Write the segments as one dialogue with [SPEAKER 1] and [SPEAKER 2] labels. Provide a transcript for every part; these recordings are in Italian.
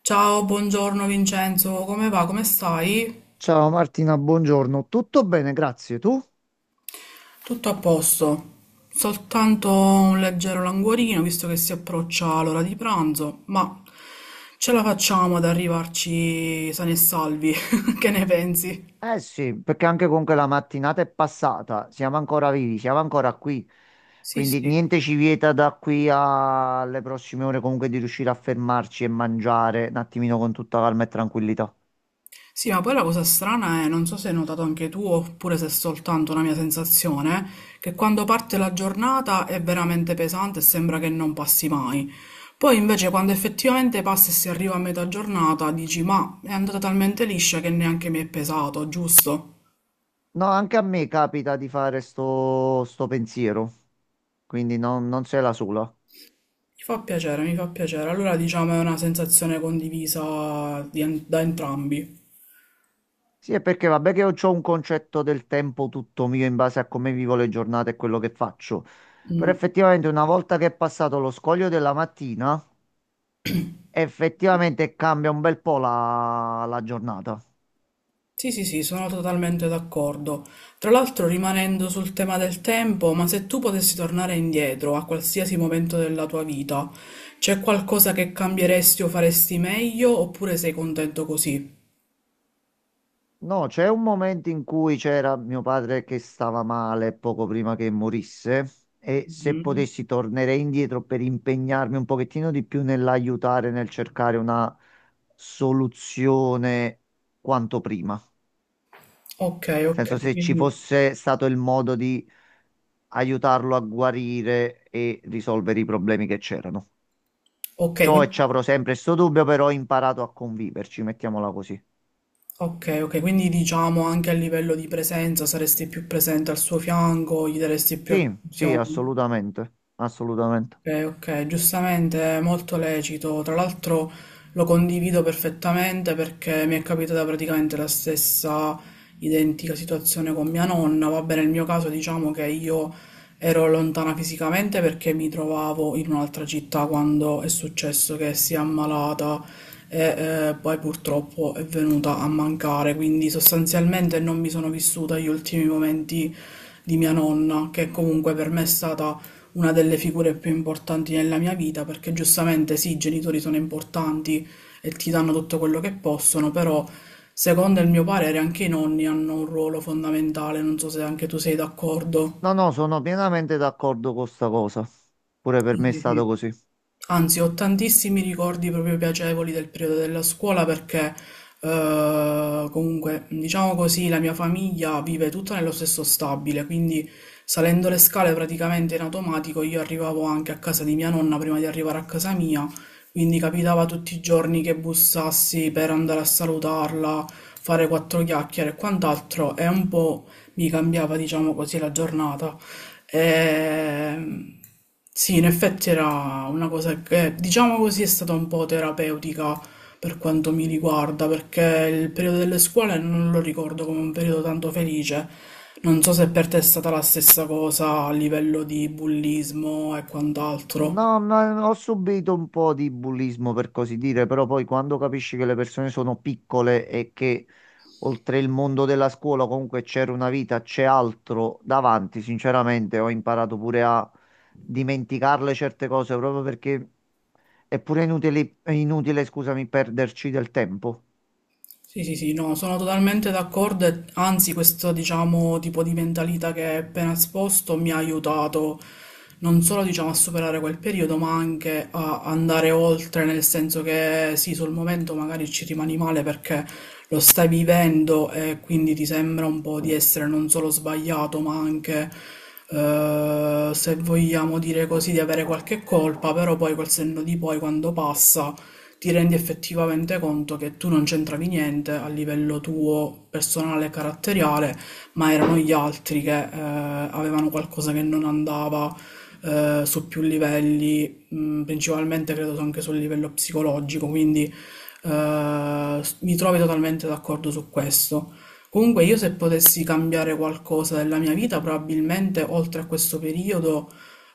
[SPEAKER 1] Ciao, buongiorno Vincenzo, come va? Come stai?
[SPEAKER 2] Ciao Martina, buongiorno. Tutto bene, grazie. Tu?
[SPEAKER 1] Tutto a posto, soltanto un leggero languorino visto che si approccia l'ora di pranzo, ma ce la facciamo ad arrivarci sani e salvi, che ne pensi?
[SPEAKER 2] Eh sì, perché anche comunque la mattinata è passata, siamo ancora vivi, siamo ancora qui.
[SPEAKER 1] Sì,
[SPEAKER 2] Quindi
[SPEAKER 1] sì.
[SPEAKER 2] niente ci vieta da qui alle prossime ore comunque di riuscire a fermarci e mangiare un attimino con tutta calma e tranquillità.
[SPEAKER 1] Sì, ma poi la cosa strana è, non so se hai notato anche tu oppure se è soltanto una mia sensazione, che quando parte la giornata è veramente pesante e sembra che non passi mai. Poi invece quando effettivamente passa e si arriva a metà giornata dici ma è andata talmente liscia che neanche mi è pesato, giusto?
[SPEAKER 2] No, anche a me capita di fare sto pensiero, quindi non sei la sola.
[SPEAKER 1] Mi fa piacere, mi fa piacere. Allora diciamo è una sensazione condivisa di da entrambi.
[SPEAKER 2] Sì, è perché vabbè che io ho un concetto del tempo tutto mio in base a come vivo le giornate e quello che faccio. Però effettivamente una volta che è passato lo scoglio della mattina, effettivamente cambia un bel po' la giornata.
[SPEAKER 1] Sì, sì, sì, sono totalmente d'accordo. Tra l'altro, rimanendo sul tema del tempo, ma se tu potessi tornare indietro a qualsiasi momento della tua vita, c'è qualcosa che cambieresti o faresti meglio oppure sei contento così?
[SPEAKER 2] No, c'è un momento in cui c'era mio padre che stava male poco prima che morisse e se potessi tornerei indietro per impegnarmi un pochettino di più nell'aiutare, nel cercare una soluzione quanto prima.
[SPEAKER 1] Ok,
[SPEAKER 2] Nel
[SPEAKER 1] ok,
[SPEAKER 2] senso, se ci
[SPEAKER 1] quindi,
[SPEAKER 2] fosse stato il modo di aiutarlo a guarire e risolvere i problemi che c'erano.
[SPEAKER 1] ok,
[SPEAKER 2] Ciò e ci
[SPEAKER 1] quindi,
[SPEAKER 2] avrò sempre sto dubbio, però ho imparato a conviverci, mettiamola così.
[SPEAKER 1] ok, ok, quindi diciamo anche a livello di presenza saresti più presente al suo fianco, gli daresti più
[SPEAKER 2] Sì, sì,
[SPEAKER 1] attenzione.
[SPEAKER 2] assolutamente, assolutamente.
[SPEAKER 1] Ok, ok, giustamente, è molto lecito. Tra l'altro lo condivido perfettamente perché mi è capitata praticamente la stessa identica situazione con mia nonna. Vabbè, nel mio caso diciamo che io ero lontana fisicamente perché mi trovavo in un'altra città quando è successo che si è ammalata e poi purtroppo è venuta a mancare. Quindi sostanzialmente non mi sono vissuta gli ultimi momenti di mia nonna, che comunque per me è stata una delle figure più importanti nella mia vita, perché giustamente sì, i genitori sono importanti e ti danno tutto quello che possono, però secondo il mio parere anche i nonni hanno un ruolo fondamentale, non so se anche tu sei d'accordo.
[SPEAKER 2] No, no, sono pienamente d'accordo con sta cosa. Pure
[SPEAKER 1] Sì,
[SPEAKER 2] per me è
[SPEAKER 1] sì, sì.
[SPEAKER 2] stato così.
[SPEAKER 1] Anzi, ho tantissimi ricordi proprio piacevoli del periodo della scuola perché comunque, diciamo così, la mia famiglia vive tutta nello stesso stabile, quindi salendo le scale praticamente in automatico io arrivavo anche a casa di mia nonna prima di arrivare a casa mia, quindi capitava tutti i giorni che bussassi per andare a salutarla, fare quattro chiacchiere e quant'altro e un po' mi cambiava, diciamo così, la giornata. Ehm, sì, in effetti era una cosa che, diciamo così, è stata un po' terapeutica per quanto mi riguarda, perché il periodo delle scuole non lo ricordo come un periodo tanto felice. Non so se per te è stata la stessa cosa a livello di bullismo e quant'altro.
[SPEAKER 2] No, ma ho subito un po' di bullismo per così dire, però poi quando capisci che le persone sono piccole e che oltre il mondo della scuola, comunque c'era una vita, c'è altro davanti. Sinceramente, ho imparato pure a dimenticarle certe cose proprio perché è pure inutile, è inutile, scusami, perderci del tempo.
[SPEAKER 1] Sì, sì, sì, no, sono totalmente d'accordo e anzi questo, diciamo, tipo di mentalità che hai appena esposto mi ha aiutato non solo, diciamo, a superare quel periodo, ma anche a andare oltre, nel senso che sì, sul momento magari ci rimani male perché lo stai vivendo e quindi ti sembra un po' di essere non solo sbagliato, ma anche, se vogliamo dire così, di avere qualche colpa, però poi col senno di poi, quando passa ti rendi effettivamente conto che tu non c'entravi niente a livello tuo personale e caratteriale, ma erano gli altri che avevano qualcosa che non andava su più livelli, principalmente credo anche sul livello psicologico, quindi mi trovi totalmente d'accordo su questo. Comunque io se potessi cambiare qualcosa della mia vita, probabilmente oltre a questo periodo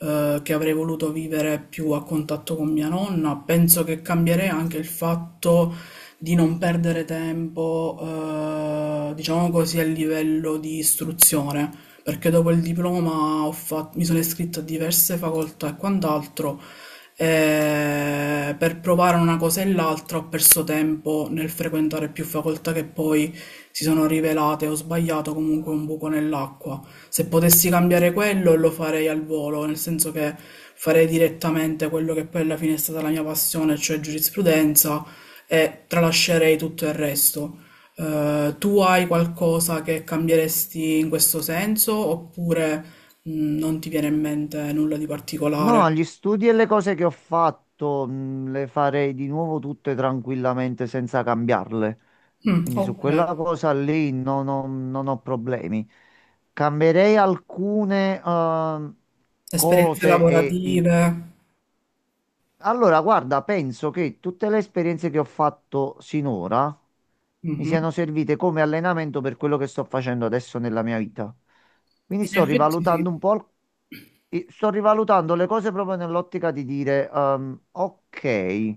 [SPEAKER 1] che avrei voluto vivere più a contatto con mia nonna. Penso che cambierei anche il fatto di non perdere tempo, diciamo così, a livello di istruzione, perché dopo il diploma mi sono iscritta a diverse facoltà e quant'altro. E per provare una cosa e l'altra ho perso tempo nel frequentare più facoltà che poi si sono rivelate ho sbagliato comunque un buco nell'acqua. Se potessi cambiare quello lo farei al volo, nel senso che farei direttamente quello che poi alla fine è stata la mia passione, cioè giurisprudenza, e tralascerei tutto il resto. Tu hai qualcosa che cambieresti in questo senso oppure non ti viene in mente nulla di particolare?
[SPEAKER 2] No, gli studi e le cose che ho fatto, le farei di nuovo tutte tranquillamente senza cambiarle.
[SPEAKER 1] Mm,
[SPEAKER 2] Quindi su
[SPEAKER 1] ok,
[SPEAKER 2] quella cosa lì non ho problemi. Cambierei alcune
[SPEAKER 1] esperienze
[SPEAKER 2] cose e il
[SPEAKER 1] lavorative.
[SPEAKER 2] Allora, guarda, penso che tutte le esperienze che ho fatto sinora mi
[SPEAKER 1] Mhm.
[SPEAKER 2] siano servite come allenamento per quello che sto facendo adesso nella mia vita. Quindi
[SPEAKER 1] In
[SPEAKER 2] sto
[SPEAKER 1] effetti sì,
[SPEAKER 2] rivalutando un po', sto rivalutando le cose proprio nell'ottica di dire, ok,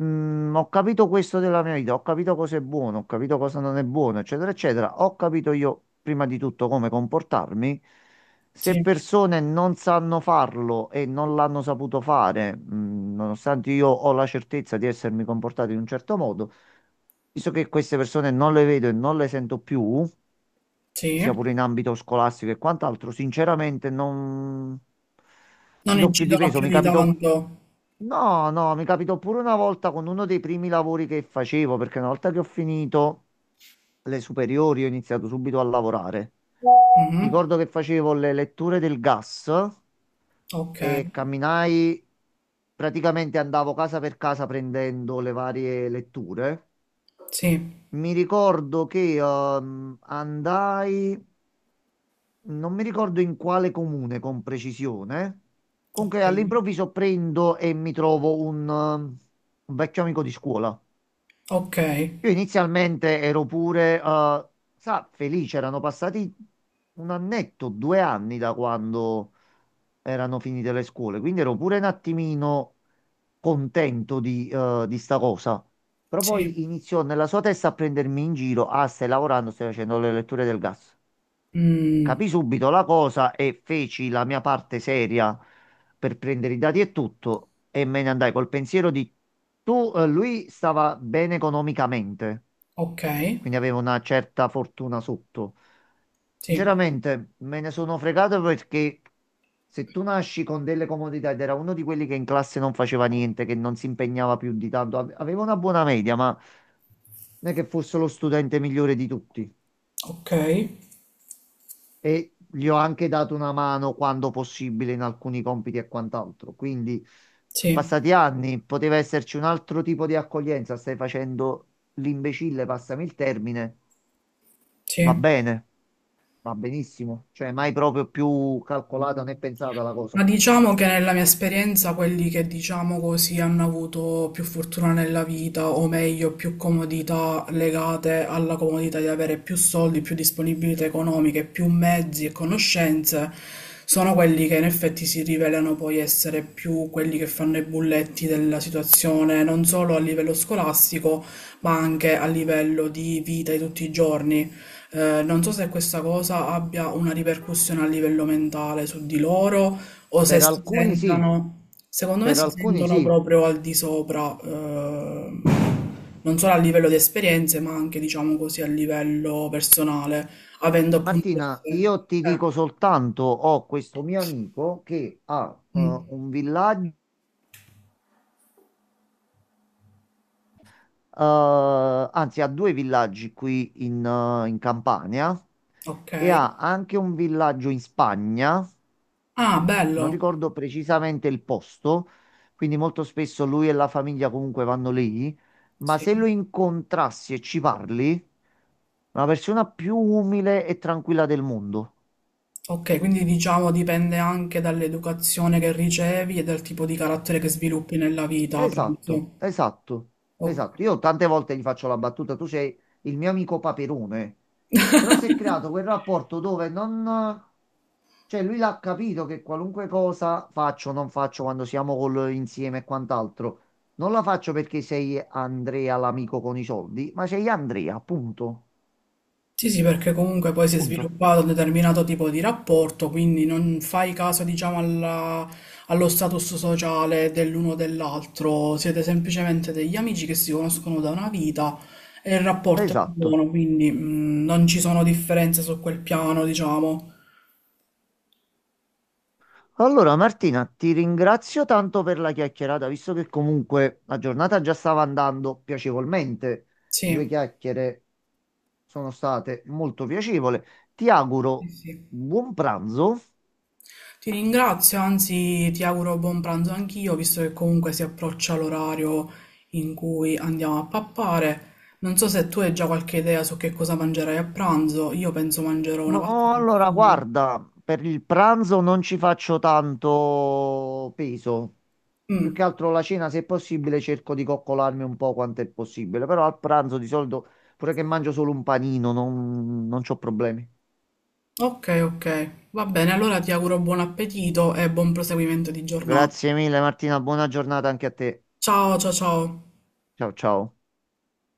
[SPEAKER 2] mm, ho capito questo della mia vita, ho capito cosa è buono, ho capito cosa non è buono, eccetera, eccetera. Ho capito io prima di tutto come comportarmi. Se
[SPEAKER 1] sì,
[SPEAKER 2] persone non sanno farlo e non l'hanno saputo fare, nonostante io ho la certezza di essermi comportato in un certo modo, visto che queste persone non le vedo e non le sento più,
[SPEAKER 1] sì.
[SPEAKER 2] sia pure in ambito scolastico e quant'altro, sinceramente non
[SPEAKER 1] Non
[SPEAKER 2] ci do più di
[SPEAKER 1] incidono
[SPEAKER 2] peso.
[SPEAKER 1] più
[SPEAKER 2] Mi
[SPEAKER 1] di
[SPEAKER 2] capitò,
[SPEAKER 1] tanto.
[SPEAKER 2] no, no, mi capitò pure una volta con uno dei primi lavori che facevo, perché una volta che ho finito le superiori ho iniziato subito a lavorare.
[SPEAKER 1] Mhm.
[SPEAKER 2] Ricordo che facevo le letture del gas
[SPEAKER 1] Ok,
[SPEAKER 2] e camminai, praticamente andavo casa per casa prendendo le varie letture.
[SPEAKER 1] sì,
[SPEAKER 2] Mi ricordo che andai, non mi ricordo in quale comune con precisione, comunque
[SPEAKER 1] ok,
[SPEAKER 2] all'improvviso prendo e mi trovo un un vecchio amico di scuola.
[SPEAKER 1] ok,
[SPEAKER 2] Io inizialmente ero pure, sa, felice, erano passati un annetto, due anni da quando erano finite le scuole, quindi ero pure un attimino contento di di sta cosa. Però
[SPEAKER 1] sì,
[SPEAKER 2] poi iniziò nella sua testa a prendermi in giro, ah, stai lavorando, stai facendo le letture del gas.
[SPEAKER 1] Mm.
[SPEAKER 2] Capì subito la cosa e feci la mia parte seria per prendere i dati e tutto e me ne andai col pensiero di lui stava bene economicamente
[SPEAKER 1] Ok,
[SPEAKER 2] quindi avevo una certa fortuna sotto.
[SPEAKER 1] sì,
[SPEAKER 2] Sinceramente, me ne sono fregato perché se tu nasci con delle comodità ed era uno di quelli che in classe non faceva niente, che non si impegnava più di tanto, aveva una buona media, ma non è che fosse lo studente migliore di tutti.
[SPEAKER 1] ok,
[SPEAKER 2] E gli ho anche dato una mano quando possibile in alcuni compiti e quant'altro. Quindi sono
[SPEAKER 1] sì,
[SPEAKER 2] passati anni, poteva esserci un altro tipo di accoglienza. Stai facendo l'imbecille, passami il termine, va
[SPEAKER 1] sì.
[SPEAKER 2] bene. Va benissimo, cioè mai proprio più calcolata né pensata la
[SPEAKER 1] Ma
[SPEAKER 2] cosa.
[SPEAKER 1] diciamo che nella mia esperienza quelli che diciamo così hanno avuto più fortuna nella vita, o meglio, più comodità legate alla comodità di avere più soldi, più disponibilità economiche, più mezzi e conoscenze, sono quelli che in effetti si rivelano poi essere più quelli che fanno i bulletti della situazione, non solo a livello scolastico, ma anche a livello di vita di tutti i giorni. Non so se questa cosa abbia una ripercussione a livello mentale su di loro o se
[SPEAKER 2] Per
[SPEAKER 1] si
[SPEAKER 2] alcuni sì,
[SPEAKER 1] sentono, secondo me
[SPEAKER 2] per
[SPEAKER 1] si
[SPEAKER 2] alcuni
[SPEAKER 1] sentono
[SPEAKER 2] sì.
[SPEAKER 1] proprio al di sopra, non solo a livello di esperienze, ma anche, diciamo così, a livello personale, avendo appunto
[SPEAKER 2] Martina,
[SPEAKER 1] queste...
[SPEAKER 2] io ti dico soltanto, ho questo mio amico che ha
[SPEAKER 1] mm,
[SPEAKER 2] un villaggio, anzi ha due villaggi qui in Campania
[SPEAKER 1] ok.
[SPEAKER 2] e ha anche un villaggio in Spagna,
[SPEAKER 1] Ah,
[SPEAKER 2] non
[SPEAKER 1] bello.
[SPEAKER 2] ricordo precisamente il posto, quindi molto spesso lui e la famiglia comunque vanno lì, ma se
[SPEAKER 1] Sì.
[SPEAKER 2] lo incontrassi e ci parli, è una persona più umile e tranquilla del mondo.
[SPEAKER 1] Ok, quindi diciamo dipende anche dall'educazione che ricevi e dal tipo di carattere che sviluppi nella vita,
[SPEAKER 2] Esatto,
[SPEAKER 1] penso.
[SPEAKER 2] esatto,
[SPEAKER 1] Ok.
[SPEAKER 2] esatto. Io tante volte gli faccio la battuta, tu sei il mio amico Paperone. Però si è creato quel rapporto dove non... Cioè lui l'ha capito che qualunque cosa faccio o non faccio quando siamo insieme e quant'altro, non la faccio perché sei Andrea l'amico con i soldi, ma sei Andrea, punto.
[SPEAKER 1] Sì, sì, perché comunque poi si è
[SPEAKER 2] Punto.
[SPEAKER 1] sviluppato un determinato tipo di rapporto, quindi non fai caso, diciamo, allo status sociale dell'uno o dell'altro, siete semplicemente degli amici che si conoscono da una vita e il rapporto è
[SPEAKER 2] Esatto.
[SPEAKER 1] buono, quindi mm, non ci sono differenze su quel piano, diciamo.
[SPEAKER 2] Allora Martina, ti ringrazio tanto per la chiacchierata, visto che comunque la giornata già stava andando piacevolmente. Due
[SPEAKER 1] Sì,
[SPEAKER 2] chiacchiere sono state molto piacevoli. Ti
[SPEAKER 1] sì,
[SPEAKER 2] auguro
[SPEAKER 1] sì.
[SPEAKER 2] buon pranzo.
[SPEAKER 1] Ti ringrazio, anzi ti auguro buon pranzo anch'io, visto che comunque si approccia l'orario in cui andiamo a pappare. Non so se tu hai già qualche idea su che cosa mangerai a pranzo, io penso mangerò una
[SPEAKER 2] No,
[SPEAKER 1] pasta col
[SPEAKER 2] allora
[SPEAKER 1] sugo.
[SPEAKER 2] guarda, per il pranzo non ci faccio tanto peso. Più
[SPEAKER 1] Mm,
[SPEAKER 2] che altro la cena, se è possibile, cerco di coccolarmi un po' quanto è possibile. Però al pranzo di solito, pure che mangio solo un panino, non c'ho problemi.
[SPEAKER 1] ok, ok, va bene, allora ti auguro buon appetito e buon proseguimento di giornata.
[SPEAKER 2] Grazie mille Martina, buona giornata anche a te.
[SPEAKER 1] Ciao, ciao, ciao.
[SPEAKER 2] Ciao ciao.